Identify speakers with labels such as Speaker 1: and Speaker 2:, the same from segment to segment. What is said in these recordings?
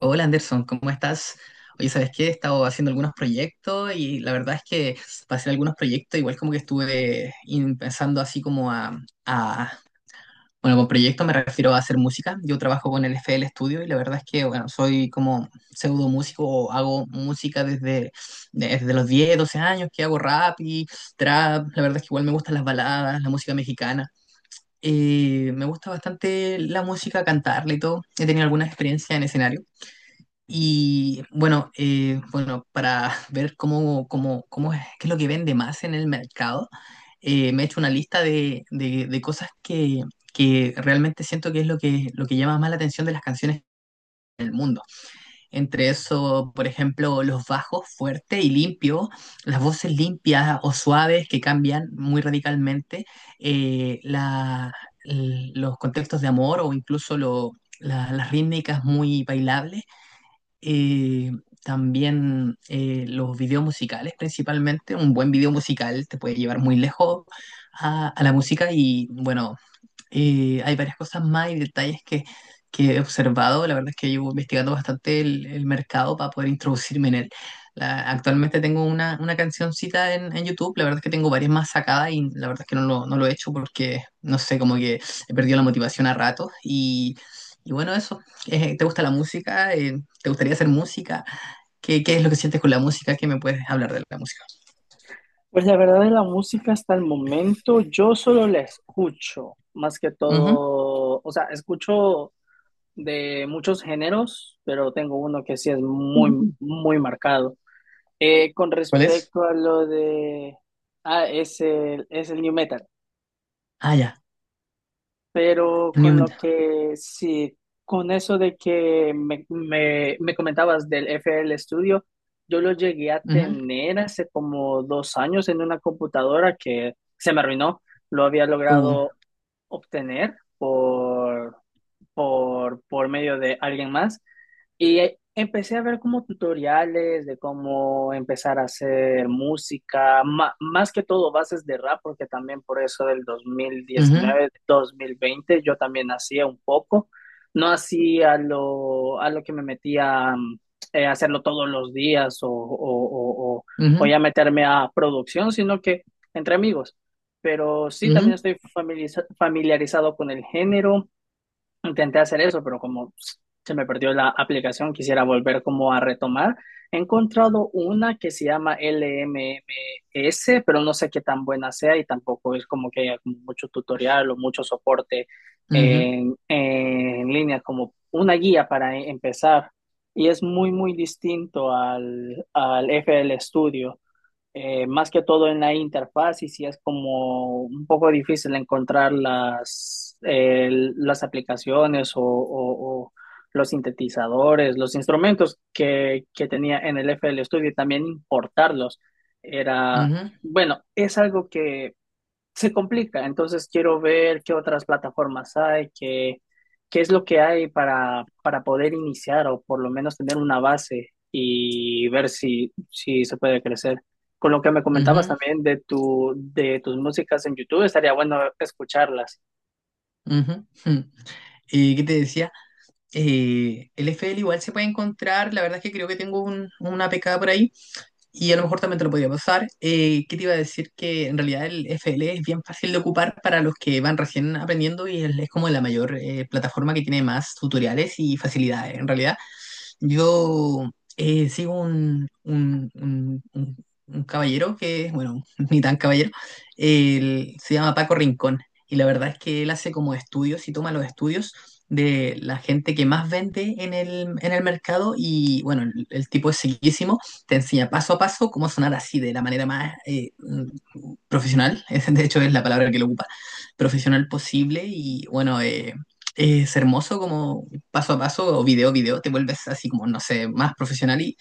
Speaker 1: Hola Anderson, ¿cómo estás? Oye, ¿sabes qué? He estado haciendo algunos proyectos y la verdad es que para hacer algunos proyectos igual como que estuve pensando así como a- Bueno, con proyectos me refiero a hacer música. Yo trabajo con el FL Studio y la verdad es que, bueno, soy como pseudo músico o hago música desde los 10 12 años que hago rap y trap. La verdad es que igual me gustan las baladas, la música mexicana. Me gusta bastante la música, cantarla y todo. He tenido alguna experiencia en escenario. Y bueno, para ver cómo es, qué es lo que vende más en el mercado, me he hecho una lista de cosas que realmente siento que es lo que llama más la atención de las canciones. Entre eso, por ejemplo, los bajos fuertes y limpios, las voces limpias o suaves que cambian muy radicalmente, eh, la- los contextos de amor o incluso las rítmicas muy bailables, eh, también los videos musicales principalmente. Un buen video musical te puede llevar muy lejos a la música y bueno, y hay varias cosas más y detalles que he observado. La verdad es que llevo investigando bastante el mercado para poder introducirme en él. Actualmente tengo una cancioncita en YouTube. La verdad es que tengo varias más sacadas y la verdad es que no lo he hecho porque, no sé, como que he perdido la motivación a ratos. Y bueno, eso. ¿Te gusta la música? ¿Te gustaría hacer música? ¿Qué es lo que sientes con la música? ¿Qué me puedes hablar de la música?
Speaker 2: Pues la verdad de la música hasta el momento, yo solo la escucho, más que todo, o sea, escucho de muchos géneros, pero tengo uno que sí es muy,
Speaker 1: Ujú.
Speaker 2: muy marcado. Con
Speaker 1: ¿Cuál es?
Speaker 2: respecto a lo de, ah, Es el new metal.
Speaker 1: Ah, ya.
Speaker 2: Pero
Speaker 1: New
Speaker 2: con lo
Speaker 1: Metal.
Speaker 2: que sí, con eso de que me comentabas del FL Studio, yo lo llegué a
Speaker 1: Ujú.
Speaker 2: tener hace como 2 años en una computadora que se me arruinó. Lo había
Speaker 1: Uh,
Speaker 2: logrado obtener por medio de alguien más y empecé a ver como tutoriales de cómo empezar a hacer música, más que todo bases de rap, porque también por eso del dos dos mil
Speaker 1: Ujú,
Speaker 2: diecinueve 2020 yo también hacía un poco, no hacía a lo que me metía hacerlo todos los días o, o- o
Speaker 1: ujú,
Speaker 2: ya meterme a producción, sino que entre amigos. Pero sí, también
Speaker 1: Ujú,
Speaker 2: estoy familiarizado con el género. Intenté hacer eso, pero como se me perdió la aplicación, quisiera volver como a retomar. He encontrado una que se llama LMMS, pero no sé qué tan buena sea y tampoco es como que haya como mucho tutorial o mucho soporte
Speaker 1: ujú,
Speaker 2: en línea, como una guía para empezar. Y es muy, muy distinto al FL Studio, más que todo en la interfaz, y sí es como un poco difícil encontrar las aplicaciones o los sintetizadores, los instrumentos que tenía en el FL Studio y también importarlos. Era,
Speaker 1: ujú,
Speaker 2: bueno, es algo que se complica. Entonces quiero ver qué otras plataformas hay, qué es lo que hay para poder iniciar o por lo menos tener una base y ver si se puede crecer. Con lo que me comentabas
Speaker 1: ujú,
Speaker 2: también de tus músicas en YouTube, estaría bueno escucharlas.
Speaker 1: ujú, jum. ¿Qué te decía? El FL igual se puede encontrar, la verdad es que creo que tengo una pecada por ahí, y a lo mejor también te lo podría pasar. ¿Qué te iba a decir? Que en realidad el FL es bien fácil de ocupar para los que van recién aprendiendo y es como la mayor plataforma que tiene más tutoriales y facilidades. En realidad, yo sigo un caballero que, bueno, ni tan caballero, él se llama Paco Rincón y la verdad es que él hace como estudios y toma los estudios de la gente que más vende en el mercado y, bueno, el tipo es seguísimo, te enseña paso a paso cómo sonar así de la manera más profesional, de hecho es la palabra que lo ocupa, profesional posible y bueno, es hermoso como paso a paso o video a video te vuelves así como, no sé, más profesional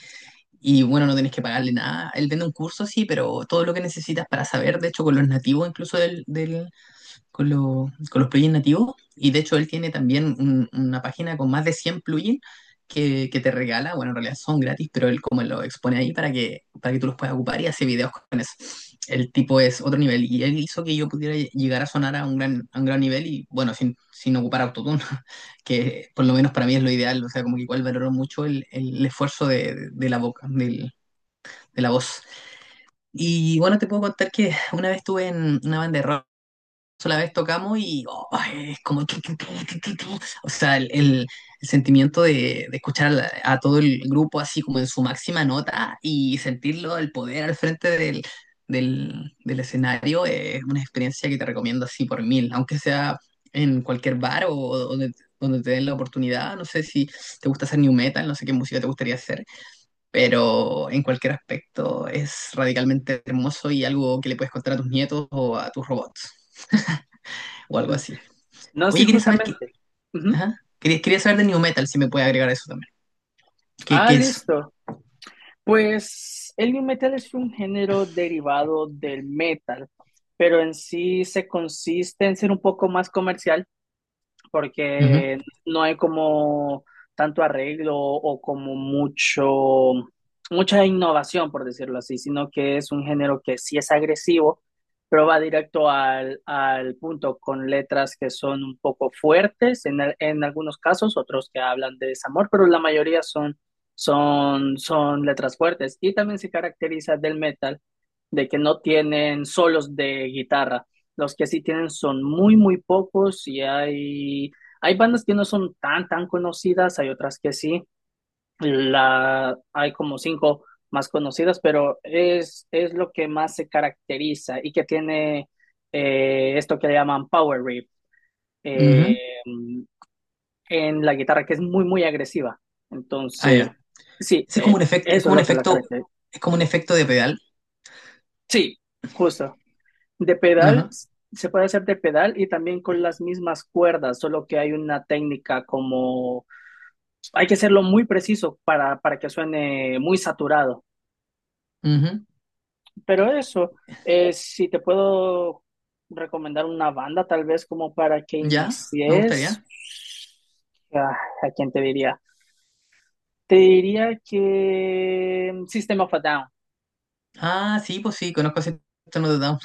Speaker 1: y bueno, no tenés que pagarle nada. Él vende un curso, sí, pero todo lo que necesitas para saber, de hecho con los nativos, incluso con los plugins nativos. Y de hecho, él tiene también una página con más de 100 plugins que te regala. Bueno, en realidad son gratis, pero él como lo expone ahí para que tú los puedas ocupar y hace videos con eso. El tipo es otro nivel y él hizo que yo pudiera llegar a sonar a un gran nivel y bueno, sin ocupar autotune, que por lo menos para mí es lo ideal. O sea, como que igual valoro mucho el esfuerzo de la boca, de la voz. Y bueno, te puedo contar que una vez estuve en una banda de rock, sola vez tocamos y, oh, es como tu, tu, tu, tu, tu, tu. O sea, el sentimiento de escuchar a todo el grupo así como en su máxima nota y sentirlo, el poder al frente del escenario es una experiencia que te recomiendo así por mil, aunque sea en cualquier bar o donde te den la oportunidad. No sé si te gusta hacer new metal, no sé qué música te gustaría hacer, pero en cualquier aspecto es radicalmente hermoso y algo que le puedes contar a tus nietos o a tus robots o algo
Speaker 2: Mm.
Speaker 1: así.
Speaker 2: No, sí,
Speaker 1: Oye, quería saber qué.
Speaker 2: justamente. Ujú.
Speaker 1: Ajá. Quería saber de New Metal, si me puede agregar eso también.
Speaker 2: Ah,
Speaker 1: ¿Qué es?
Speaker 2: listo. Pues el nu metal es un género derivado del metal, pero en sí se consiste en ser un poco más comercial
Speaker 1: Ujú,
Speaker 2: porque no hay como tanto arreglo o como mucha innovación, por decirlo así, sino que es un género que sí es agresivo, pero va directo al punto con letras que son un poco fuertes en algunos casos, otros que hablan de desamor, pero la mayoría son letras fuertes. Y también se caracteriza del metal de que no tienen solos de guitarra. Los que sí tienen son muy, muy pocos y hay bandas que no son tan, tan conocidas, hay otras que sí. Hay como cinco más conocidas, pero es lo que más se caracteriza y que tiene esto que le llaman power riff, eh,
Speaker 1: ujú.
Speaker 2: en la guitarra, que es muy, muy agresiva.
Speaker 1: Ah,
Speaker 2: Entonces,
Speaker 1: ya.
Speaker 2: sí,
Speaker 1: Ese
Speaker 2: eso es lo que la caracteriza.
Speaker 1: Es como un efecto de pedal.
Speaker 2: Sí, justo. De pedal,
Speaker 1: Ajá.
Speaker 2: se puede hacer de pedal y también con las mismas cuerdas, solo que hay una técnica como hay que hacerlo muy preciso para que suene muy saturado.
Speaker 1: Ujú.
Speaker 2: Pero eso, si te puedo recomendar una banda, tal vez como para que
Speaker 1: Ya, me
Speaker 2: inicies,
Speaker 1: gustaría.
Speaker 2: ah, ¿a quién te diría? Te diría que, System of a Down.
Speaker 1: Ah, sí, pues sí, conozco ese tono de Down.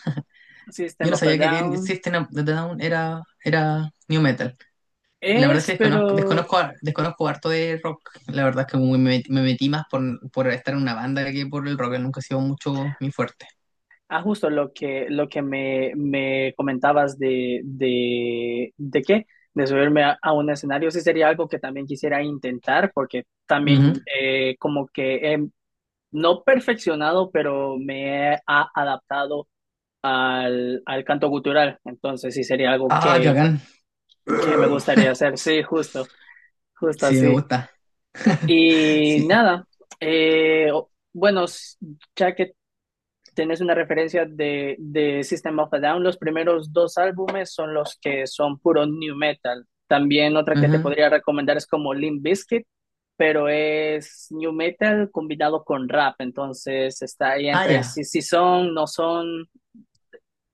Speaker 1: Yo
Speaker 2: System
Speaker 1: no
Speaker 2: of a
Speaker 1: sabía que
Speaker 2: Down
Speaker 1: System of a Down era New Metal. La verdad es
Speaker 2: es,
Speaker 1: que
Speaker 2: pero...
Speaker 1: desconozco harto de rock. La verdad es que me metí más por estar en una banda que por el rock. Nunca ha sido mucho mi fuerte.
Speaker 2: Justo lo que, me comentabas de subirme a un escenario, sí sería algo que también quisiera intentar, porque
Speaker 1: Ujú.
Speaker 2: también como que he no perfeccionado, pero me he adaptado al canto cultural, entonces sí sería algo
Speaker 1: Ah, qué
Speaker 2: que,
Speaker 1: bacán.
Speaker 2: que me gustaría hacer, sí, justo, justo
Speaker 1: Sí, me
Speaker 2: así.
Speaker 1: gusta.
Speaker 2: Y
Speaker 1: Sí.
Speaker 2: nada, eh, bueno, ya que tenés una referencia de System of a Down, los primeros dos álbumes son los que son puro new metal. También otra que te
Speaker 1: Ajá.
Speaker 2: podría recomendar es como Limp Bizkit, pero es new metal combinado con rap, entonces está ahí
Speaker 1: Ah,
Speaker 2: entre
Speaker 1: ya.
Speaker 2: si son, no son,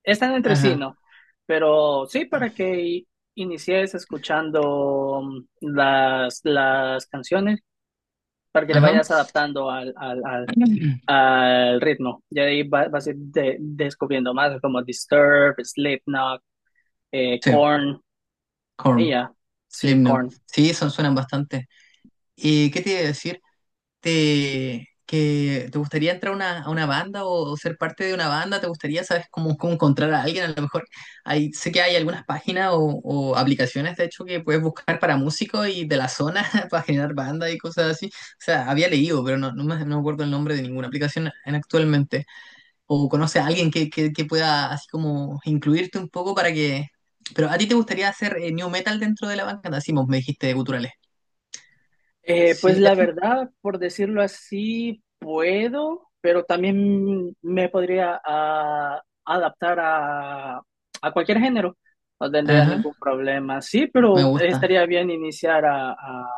Speaker 2: están entre sí,
Speaker 1: Ajá.
Speaker 2: ¿no? Pero sí, para que inicies escuchando, las canciones, para que le
Speaker 1: Ajá.
Speaker 2: vayas adaptando al ritmo. Ya de ahí vas a ir descubriendo más como Disturbed, Slipknot,
Speaker 1: Sí,
Speaker 2: Korn, y
Speaker 1: Korn,
Speaker 2: ya, sí,
Speaker 1: Slipknot.
Speaker 2: Korn.
Speaker 1: Sí, suenan bastante. ¿Y qué te iba a decir? ¿Te gustaría entrar a a una banda o ser parte de una banda? ¿Te gustaría, sabes, cómo encontrar a alguien? A lo mejor sé que hay algunas páginas o aplicaciones, de hecho, que puedes buscar para músicos y de la zona para generar bandas y cosas así. O sea, había leído, pero no me acuerdo el nombre de ninguna aplicación actualmente. O conoces a alguien que pueda así como incluirte un poco para que... Pero a ti te gustaría hacer new metal dentro de la banda, así me dijiste, de guturales.
Speaker 2: Pues
Speaker 1: Sí,
Speaker 2: la
Speaker 1: eso.
Speaker 2: verdad, por decirlo así, puedo, pero también me podría adaptar a cualquier género. No tendría
Speaker 1: Ajá,
Speaker 2: ningún problema, sí,
Speaker 1: me
Speaker 2: pero
Speaker 1: gusta.
Speaker 2: estaría bien iniciar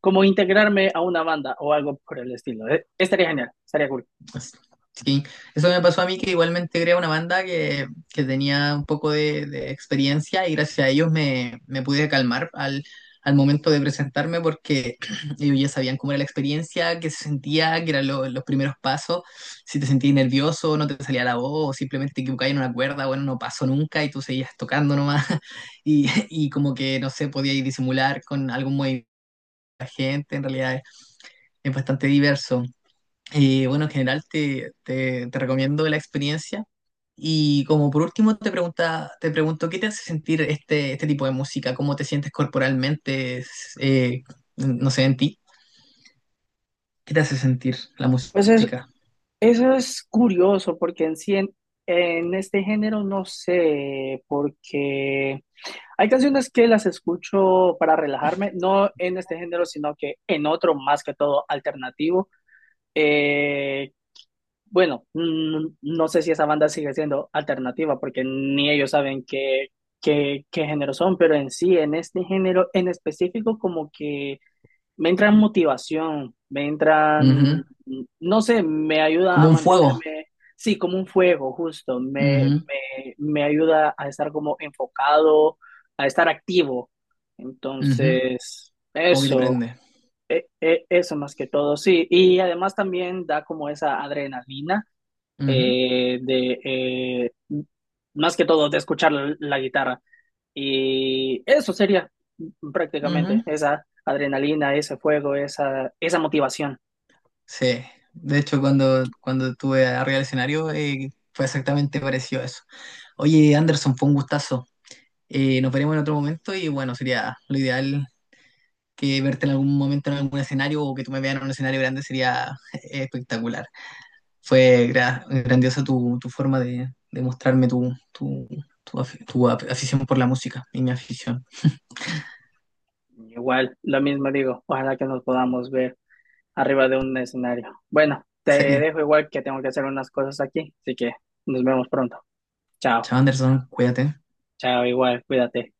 Speaker 2: como integrarme a una banda o algo por el estilo. Estaría genial, estaría cool.
Speaker 1: Sí, eso me pasó a mí, que igualmente creé una banda que tenía un poco de experiencia y gracias a ellos me pude calmar al momento de presentarme, porque ellos ya sabían cómo era la experiencia, qué se sentía, que eran los primeros pasos, si te sentías nervioso, no te salía la voz, o simplemente te equivocabas en una cuerda. Bueno, no pasó nunca y tú seguías tocando nomás, y como que, no sé, podías disimular con algún movimiento de la gente. En realidad es bastante diverso. Bueno, en general te recomiendo la experiencia. Y como por último te pregunto, ¿qué te hace sentir este tipo de música? ¿Cómo te sientes corporalmente? No sé, en ti. ¿Qué te hace sentir la
Speaker 2: Pues es-
Speaker 1: música?
Speaker 2: Eso es curioso porque en sí, en este género no sé, porque hay canciones que las escucho para relajarme, no en este género, sino que en otro más que todo alternativo. Eh, bueno, no sé si esa banda sigue siendo alternativa porque ni ellos saben qué género son, pero en sí, en este género en específico, como que me entra motivación, me
Speaker 1: Ujú.
Speaker 2: entran, no sé, me ayuda
Speaker 1: Como
Speaker 2: a
Speaker 1: un fuego.
Speaker 2: mantenerme, sí, como un fuego, justo,
Speaker 1: Ujú,
Speaker 2: me ayuda a estar como enfocado, a estar activo.
Speaker 1: ujú.
Speaker 2: Entonces,
Speaker 1: Como que te prende.
Speaker 2: eso más que todo, sí. Y además también da como esa adrenalina,
Speaker 1: Ujú,
Speaker 2: eh, de, eh, más que todo, de escuchar la guitarra. Y eso sería prácticamente
Speaker 1: ujú.
Speaker 2: esa adrenalina, ese fuego, esa motivación.
Speaker 1: Sí. De hecho, cuando estuve arriba del escenario, fue exactamente parecido a eso. Oye, Anderson, fue un gustazo. Nos veremos en otro momento y bueno, sería lo ideal que verte en algún momento en algún escenario o que tú me veas en un escenario grande sería espectacular. Fue grandiosa tu forma de mostrarme tu afición por la música y mi afición.
Speaker 2: Igual, lo mismo digo, ojalá que nos podamos ver arriba de un escenario. Bueno, te
Speaker 1: Sería.
Speaker 2: dejo igual que tengo que hacer unas cosas aquí, así que nos vemos pronto. Chao,
Speaker 1: Chao, Anderson, cuídate.
Speaker 2: chao, igual, cuídate.